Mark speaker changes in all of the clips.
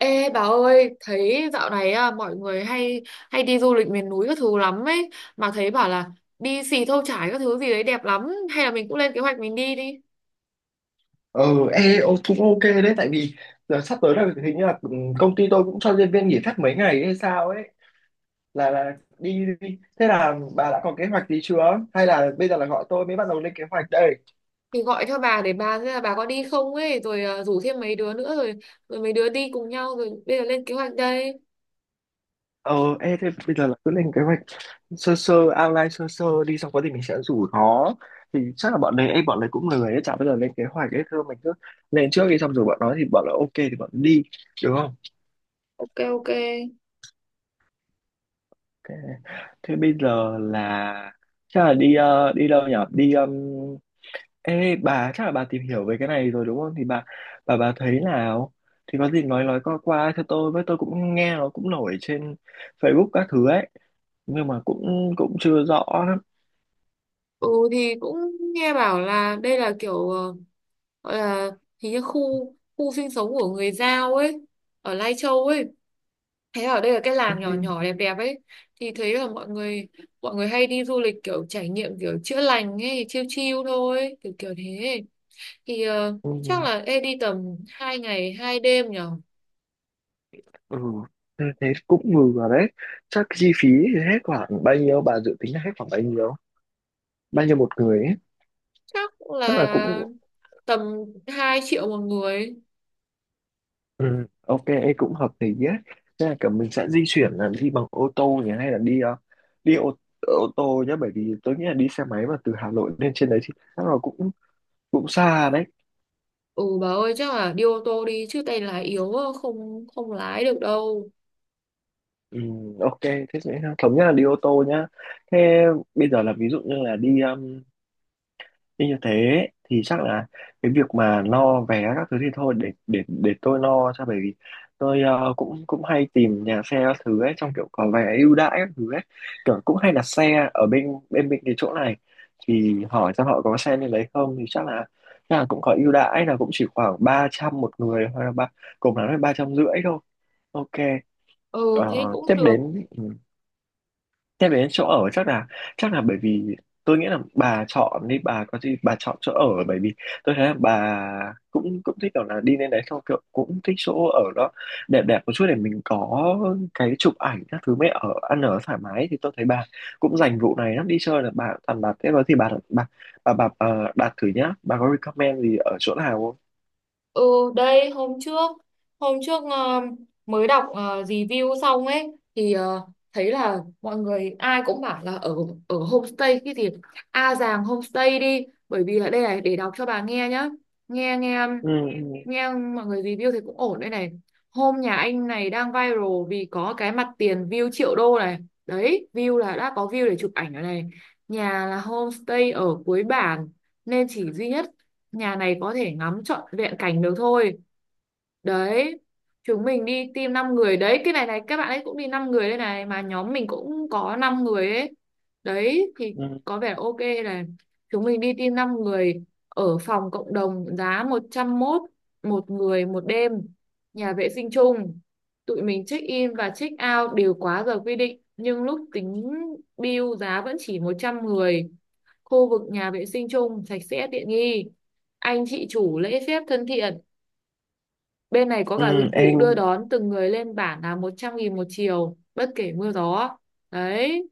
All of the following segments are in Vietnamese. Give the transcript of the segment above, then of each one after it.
Speaker 1: Ê bà ơi, thấy dạo này à, mọi người hay hay đi du lịch miền núi các thứ lắm ấy, mà thấy bảo là đi Xì Thâu Chải các thứ gì đấy đẹp lắm, hay là mình cũng lên kế hoạch mình đi đi.
Speaker 2: Ờ, cũng ok đấy tại vì giờ sắp tới là hình như là công ty tôi cũng cho nhân viên nghỉ phép mấy ngày hay sao ấy là đi. Thế là bà đã có kế hoạch gì chưa? Hay là bây giờ là gọi tôi mới bắt đầu lên kế hoạch đây?
Speaker 1: Thì gọi cho bà để bà xem là bà có đi không ấy, rồi à, rủ thêm mấy đứa nữa rồi rồi mấy đứa đi cùng nhau rồi bây giờ lên kế hoạch đây.
Speaker 2: Thế bây giờ là cứ lên kế hoạch sơ sơ outline sơ sơ đi, xong có gì mình sẽ rủ nó. Thì chắc là bọn đấy cũng lười ấy, chả bao giờ lên kế hoạch ấy, thôi mình cứ lên trước đi, xong rồi bọn nó thì bọn là ok thì bọn nó đi, được không?
Speaker 1: Ok, ok.
Speaker 2: Thế, thế bây giờ là chắc là đi đâu nhỉ? Đi Ê bà chắc là bà tìm hiểu về cái này rồi đúng không? Thì bà thấy nào? Thì có gì nói qua qua cho tôi với, tôi cũng nghe nó cũng nổi trên Facebook các thứ ấy, nhưng mà cũng cũng chưa rõ lắm.
Speaker 1: Ừ thì cũng nghe bảo là đây là kiểu gọi là hình như khu khu sinh sống của người Dao ấy, ở Lai Châu ấy. Thế ở đây là cái
Speaker 2: Ê,
Speaker 1: làng nhỏ nhỏ đẹp đẹp ấy, thì thấy là mọi người hay đi du lịch kiểu trải nghiệm kiểu chữa lành ấy, chiêu chiêu thôi kiểu kiểu thế thì
Speaker 2: ừ,
Speaker 1: chắc là ê đi tầm hai ngày hai đêm nhở.
Speaker 2: ừ, thế thế cũng ngừ rồi đấy. Chắc chi phí thì hết khoảng bao nhiêu? Bà dự tính là hết khoảng bao nhiêu? Bao nhiêu một người ấy?
Speaker 1: Chắc
Speaker 2: Chắc là
Speaker 1: là
Speaker 2: cũng
Speaker 1: tầm 2 triệu một người.
Speaker 2: ừ, ok, ấy cũng hợp lý nhé. Thế là cả mình sẽ di chuyển là đi bằng ô tô nhỉ, hay là đi ô tô nhé, bởi vì tôi nghĩ là đi xe máy mà từ Hà Nội lên trên đấy thì chắc là cũng cũng xa đấy.
Speaker 1: Ừ bà ơi chắc là đi ô tô đi chứ tay lái yếu á, không không lái được đâu.
Speaker 2: Ừ, ok, thế sẽ thống nhất là đi ô tô nhá. Thế bây giờ là ví dụ như là đi như như thế thì chắc là cái việc mà lo vé các thứ thì thôi để tôi lo cho, bởi vì tôi cũng cũng hay tìm nhà xe các thứ ấy, trong kiểu có vé ưu đãi các thứ ấy, kiểu cũng hay đặt xe ở bên bên bên cái chỗ này, thì hỏi xem họ có xe nên lấy không, thì chắc là cũng có ưu đãi là cũng chỉ khoảng 300 một người, hoặc là ba, cùng lắm là 350 thôi, ok.
Speaker 1: Ừ thế
Speaker 2: Ờ,
Speaker 1: cũng
Speaker 2: tiếp
Speaker 1: được.
Speaker 2: đến nhắc đến chỗ ở chắc là bởi vì tôi nghĩ là bà chọn đi, bà có gì bà chọn chỗ ở, bởi vì tôi thấy là bà cũng cũng thích kiểu là đi lên đấy, xong kiểu cũng thích chỗ ở đó đẹp đẹp một chút, để mình có cái chụp ảnh các thứ, mới ở ăn ở thoải mái. Thì tôi thấy bà cũng dành vụ này lắm, đi chơi là bà toàn bà thế đó, thì bà đặt thử nhá, bà có recommend gì ở chỗ nào không?
Speaker 1: Ừ, đây hôm trước hôm trước ờ, mới đọc review xong ấy thì thấy là mọi người ai cũng bảo là ở ở homestay cái gì A Giàng homestay đi, bởi vì là đây này, để đọc cho bà nghe nhá. Nghe, nghe,
Speaker 2: ừ, ừ,
Speaker 1: nghe mọi người review thì cũng ổn đây này. Hôm nhà anh này đang viral vì có cái mặt tiền view triệu đô này. Đấy, view là đã có view để chụp ảnh rồi này. Nhà là homestay ở cuối bản nên chỉ duy nhất nhà này có thể ngắm trọn vẹn cảnh được thôi. Đấy, chúng mình đi team 5 người đấy, cái này này các bạn ấy cũng đi 5 người đây này, mà nhóm mình cũng có 5 người ấy. Đấy thì
Speaker 2: ừ,
Speaker 1: có vẻ ok này. Chúng mình đi team 5 người ở phòng cộng đồng giá một trăm mốt một người một đêm, nhà vệ sinh chung. Tụi mình check in và check out đều quá giờ quy định nhưng lúc tính bill giá vẫn chỉ 110. Khu vực nhà vệ sinh chung sạch sẽ tiện nghi, anh chị chủ lễ phép thân thiện. Bên này có
Speaker 2: ừ,
Speaker 1: cả dịch vụ
Speaker 2: em
Speaker 1: đưa đón từng người lên bản là 100 nghìn một chiều, bất kể mưa gió. Đấy.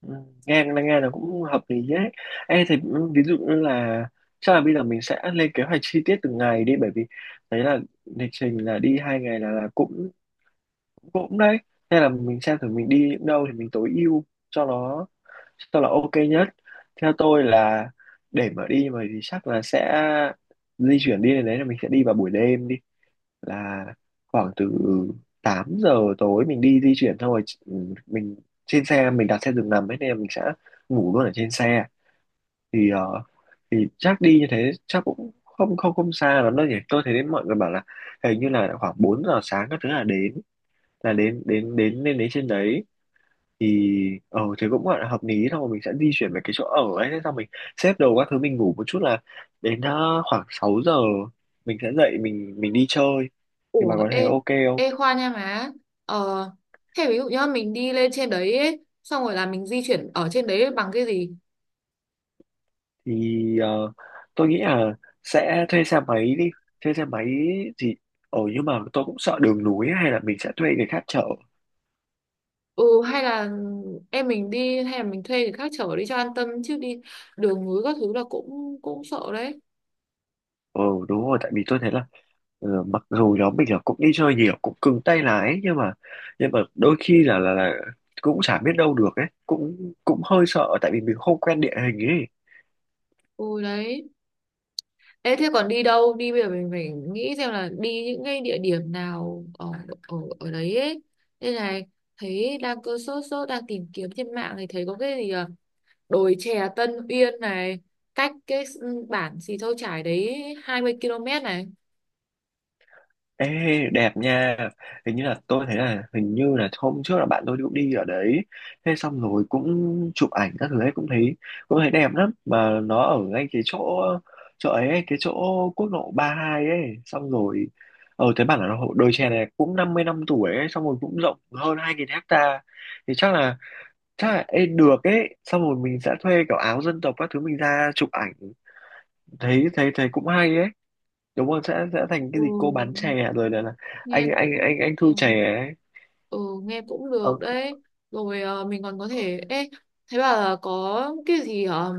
Speaker 2: ừ, nghe là cũng hợp lý đấy. Ê, thì ví dụ như là chắc là bây giờ mình sẽ lên kế hoạch chi tiết từng ngày đi, bởi vì đấy là lịch trình là đi 2 ngày là cũng cũng đấy, nên là mình xem thử mình đi những đâu thì mình tối ưu cho nó, cho là ok nhất. Theo tôi là để mà đi mà thì chắc là sẽ di chuyển đi đến đấy là mình sẽ đi vào buổi đêm đi, là khoảng từ 8 giờ tối mình đi di chuyển thôi. Ừ, mình trên xe mình đặt xe giường nằm ấy nên là mình sẽ ngủ luôn ở trên xe, thì ờ, thì chắc đi như thế chắc cũng không không không xa lắm đâu nhỉ, tôi thấy đến mọi người bảo là hình như là khoảng 4 giờ sáng các thứ là đến, là đến đến đến lên đến trên đấy. Thì cũng gọi là hợp lý thôi, mình sẽ di chuyển về cái chỗ ở ấy, thế xong mình xếp đồ các thứ, mình ngủ một chút là đến khoảng 6 giờ mình sẽ dậy, mình đi chơi, thì bà
Speaker 1: Ủa,
Speaker 2: có
Speaker 1: ê,
Speaker 2: thấy ok không?
Speaker 1: ê Khoa nha má. Ờ, thế ví dụ nhá, mình đi lên trên đấy ấy, xong rồi là mình di chuyển ở trên đấy bằng cái gì?
Speaker 2: thì ờ, tôi nghĩ là sẽ thuê xe máy đi, thuê xe máy. Thì ờ nhưng mà tôi cũng sợ đường núi, hay là mình sẽ thuê người khác chở.
Speaker 1: Ừ, hay là em mình đi, hay là mình thuê người khác chở đi cho an tâm, chứ đi đường núi các thứ là cũng cũng sợ đấy.
Speaker 2: Ờ, đúng rồi, tại vì tôi thấy là mặc dù nhóm mình là cũng đi chơi nhiều, cũng cứng tay lái, nhưng mà đôi khi là cũng chả biết đâu được ấy, cũng cũng hơi sợ tại vì mình không quen địa hình ấy.
Speaker 1: Ừ, đấy. Ê, thế còn đi đâu? Đi bây giờ mình phải nghĩ xem là đi những cái địa điểm nào ở ở, ở đấy ấy. Đây này, thấy đang cứ sốt sốt đang tìm kiếm trên mạng thì thấy có cái gì à? Đồi chè Tân Uyên này, cách cái bản Xì Thâu Chải đấy 20 km này.
Speaker 2: Ê, đẹp nha, hình như là tôi thấy là hình như là hôm trước là bạn tôi cũng đi ở đấy, thế xong rồi cũng chụp ảnh các thứ ấy, cũng thấy đẹp lắm, mà nó ở ngay cái chỗ, chỗ ấy ấy, cái chỗ quốc lộ 32 ấy, xong rồi thấy bảo là nó- đồi chè này cũng 50 năm tuổi ấy, xong rồi cũng rộng hơn 2.000 hecta. Thì chắc là được ấy, xong rồi mình sẽ thuê kiểu áo dân tộc các thứ mình ra chụp ảnh, thấy thấy thấy cũng hay ấy, đúng không? Sẽ thành cái gì, cô bán chè
Speaker 1: Ừ,
Speaker 2: à? Rồi là
Speaker 1: nghe
Speaker 2: anh anh
Speaker 1: cũng
Speaker 2: anh anh thu
Speaker 1: ừ,
Speaker 2: chè ấy.
Speaker 1: ừ, nghe cũng
Speaker 2: ờ,
Speaker 1: được đấy. Rồi à, mình còn có thể thấy bảo là có cái gì ở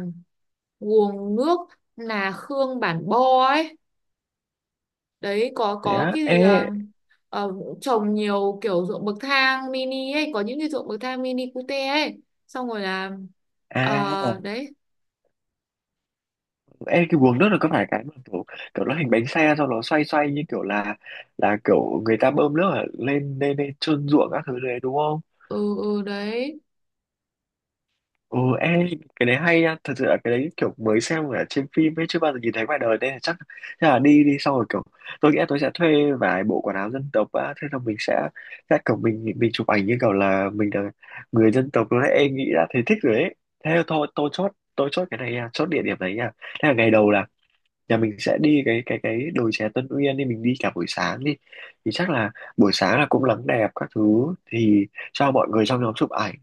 Speaker 1: nguồn nước Nà Khương Bản Bo ấy, đấy có
Speaker 2: thế
Speaker 1: có
Speaker 2: á?
Speaker 1: cái gì
Speaker 2: Ê,
Speaker 1: ờ, trồng nhiều kiểu ruộng bậc thang mini ấy, có những cái ruộng bậc thang mini cute ấy, xong rồi là
Speaker 2: à,
Speaker 1: đấy.
Speaker 2: ê, cái guồng nước là có phải cái mà kiểu, kiểu nó hình bánh xe sau nó xoay xoay, như kiểu là kiểu người ta bơm nước ở lên lên lên trơn ruộng các thứ đấy, đúng không?
Speaker 1: Ừ, ừ đấy.
Speaker 2: Ừ, em, cái đấy hay nha, thật sự là cái đấy kiểu mới xem ở trên phim ấy, chưa bao giờ nhìn thấy ngoài đời, nên là chắc là đi đi xong rồi kiểu tôi nghĩ là tôi sẽ thuê vài bộ quần áo dân tộc á, thế là mình sẽ kiểu mình chụp ảnh như kiểu là mình là người dân tộc luôn đấy, em nghĩ đã thấy thích rồi đấy. Thế thôi, tôi chốt cái này nha, chốt địa điểm này nha. Thế là ngày đầu là nhà mình sẽ đi cái đồi chè Tân Uyên đi, mình đi cả buổi sáng đi, thì chắc là buổi sáng là cũng nắng đẹp các thứ thì cho mọi người trong nhóm chụp ảnh.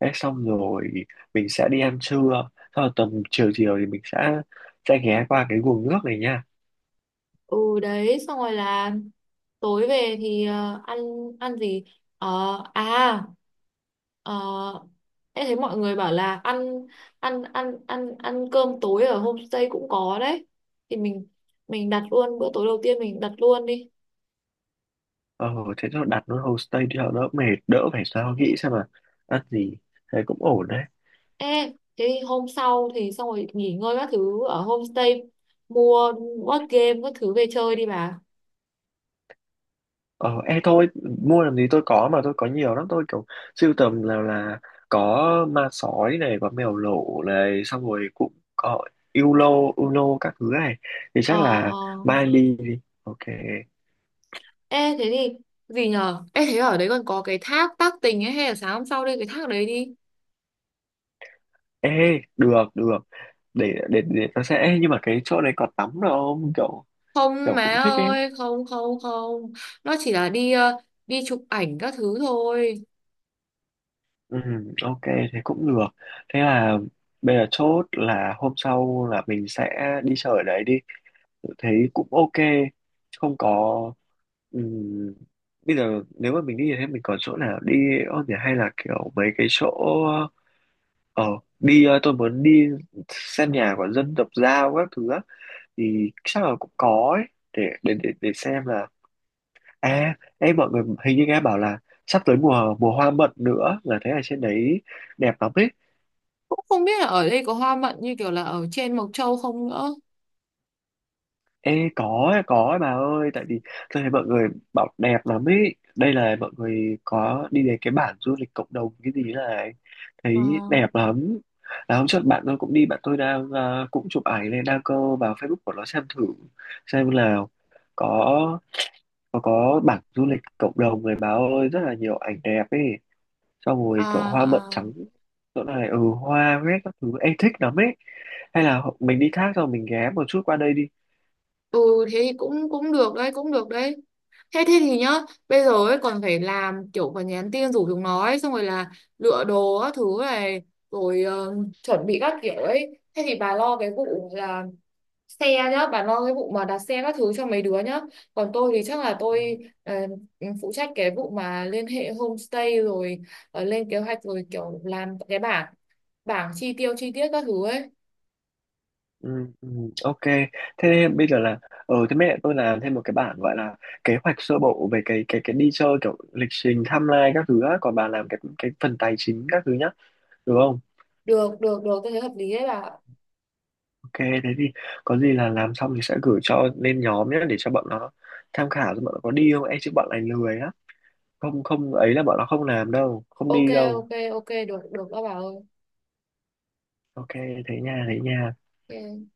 Speaker 2: Thế xong rồi mình sẽ đi ăn trưa, sau rồi tầm chiều chiều thì mình sẽ ghé qua cái guồng nước này nha.
Speaker 1: Ừ đấy, xong rồi là tối về thì ăn, ăn gì. Ờ, à ờ, em thấy mọi người bảo là ăn ăn ăn ăn ăn cơm tối ở homestay cũng có đấy, thì mình đặt luôn bữa tối đầu tiên, mình đặt luôn đi.
Speaker 2: ờ thế cho đặt nó homestay đi cho đỡ mệt, đỡ phải sao nghĩ xem mà ăn gì, thế cũng ổn đấy.
Speaker 1: Ê, cái hôm sau thì xong rồi nghỉ ngơi các thứ ở homestay, mua board game các thứ về chơi đi bà.
Speaker 2: Ờ, e thôi, mua làm gì, tôi có, mà tôi có nhiều lắm, tôi kiểu sưu tầm là có ma sói này, có mèo lỗ này, xong rồi cũng có Uno, Uno các thứ này. Thì
Speaker 1: Ờ,
Speaker 2: chắc là
Speaker 1: ờ.
Speaker 2: mai ly đi. Ok.
Speaker 1: Ê thế thì gì nhờ? Ê thế ở đấy còn có cái thác tác tình ấy, hay là sáng hôm sau đi cái thác đấy đi.
Speaker 2: Ê, được, được. Để tôi sẽ, ê, nhưng mà cái chỗ này có tắm được không? Kiểu
Speaker 1: Không
Speaker 2: kiểu
Speaker 1: má
Speaker 2: cũng thích ấy.
Speaker 1: ơi, không, không, không. Nó chỉ là đi đi chụp ảnh các thứ thôi.
Speaker 2: Ừ, ok, thế cũng được. Thế là bây giờ chốt là hôm sau là mình sẽ đi chơi ở đấy đi. Tôi thấy cũng ok, không có ừm, bây giờ nếu mà mình đi thì thấy mình còn chỗ nào đi không nhỉ, hay là kiểu mấy cái chỗ, ờ tôi muốn đi xem nhà của dân tộc Dao các thứ á, thì chắc là cũng có ấy. Để xem là, à em mọi người hình như nghe bảo là sắp tới mùa mùa hoa mận nữa, là thấy ở trên đấy đẹp lắm ấy.
Speaker 1: Cũng không biết là ở đây có hoa mận như kiểu là ở trên Mộc Châu không nữa.
Speaker 2: Ê có ấy bà ơi, tại vì tôi thấy mọi người bảo đẹp lắm ấy. Đây là mọi người có đi đến cái bản du lịch cộng đồng cái gì này,
Speaker 1: Ờ,
Speaker 2: thấy đẹp lắm, là hôm trước bạn tôi cũng đi, bạn tôi đang cũng chụp ảnh lên đăng cơ vào Facebook của nó, xem thử xem là có có bản du lịch cộng đồng này bà ơi, rất là nhiều ảnh đẹp ấy, xong
Speaker 1: à
Speaker 2: rồi kiểu hoa mận trắng
Speaker 1: à.
Speaker 2: chỗ này ừ hoa hết các thứ em thích lắm ấy, hay là mình đi thác rồi mình ghé một chút qua đây đi.
Speaker 1: Ừ, thế thì cũng cũng được đấy, cũng được đấy. Thế thế thì nhá, bây giờ ấy còn phải làm kiểu, còn nhắn tin rủ chúng nó ấy, xong rồi là lựa đồ các thứ này, rồi chuẩn bị các kiểu ấy. Thế thì bà lo cái vụ là xe nhá, bà lo cái vụ mà đặt xe các thứ cho mấy đứa nhá, còn tôi thì chắc là tôi ờ, phụ trách cái vụ mà liên hệ homestay, rồi lên kế hoạch, rồi kiểu làm cái bảng bảng chi tiêu chi tiết các thứ ấy.
Speaker 2: Ừ, ừ, ok, thế bây giờ là thế mẹ tôi làm thêm một cái bản gọi là kế hoạch sơ bộ về cái đi chơi kiểu lịch trình timeline các thứ á, còn bà làm cái phần tài chính các thứ nhá, được không?
Speaker 1: Được, được, được, tôi thấy hợp lý đấy bà ạ.
Speaker 2: Ok, thế thì có gì là làm xong thì sẽ gửi cho lên nhóm nhé, để cho bọn nó tham khảo, cho bọn nó có đi không, e chứ bọn này lười á, không không ấy là bọn nó không làm đâu, không
Speaker 1: Ok,
Speaker 2: đi đâu.
Speaker 1: ok, ok, được, được các bà ơi.
Speaker 2: Ok, thế nha, thế nha.
Speaker 1: Ok.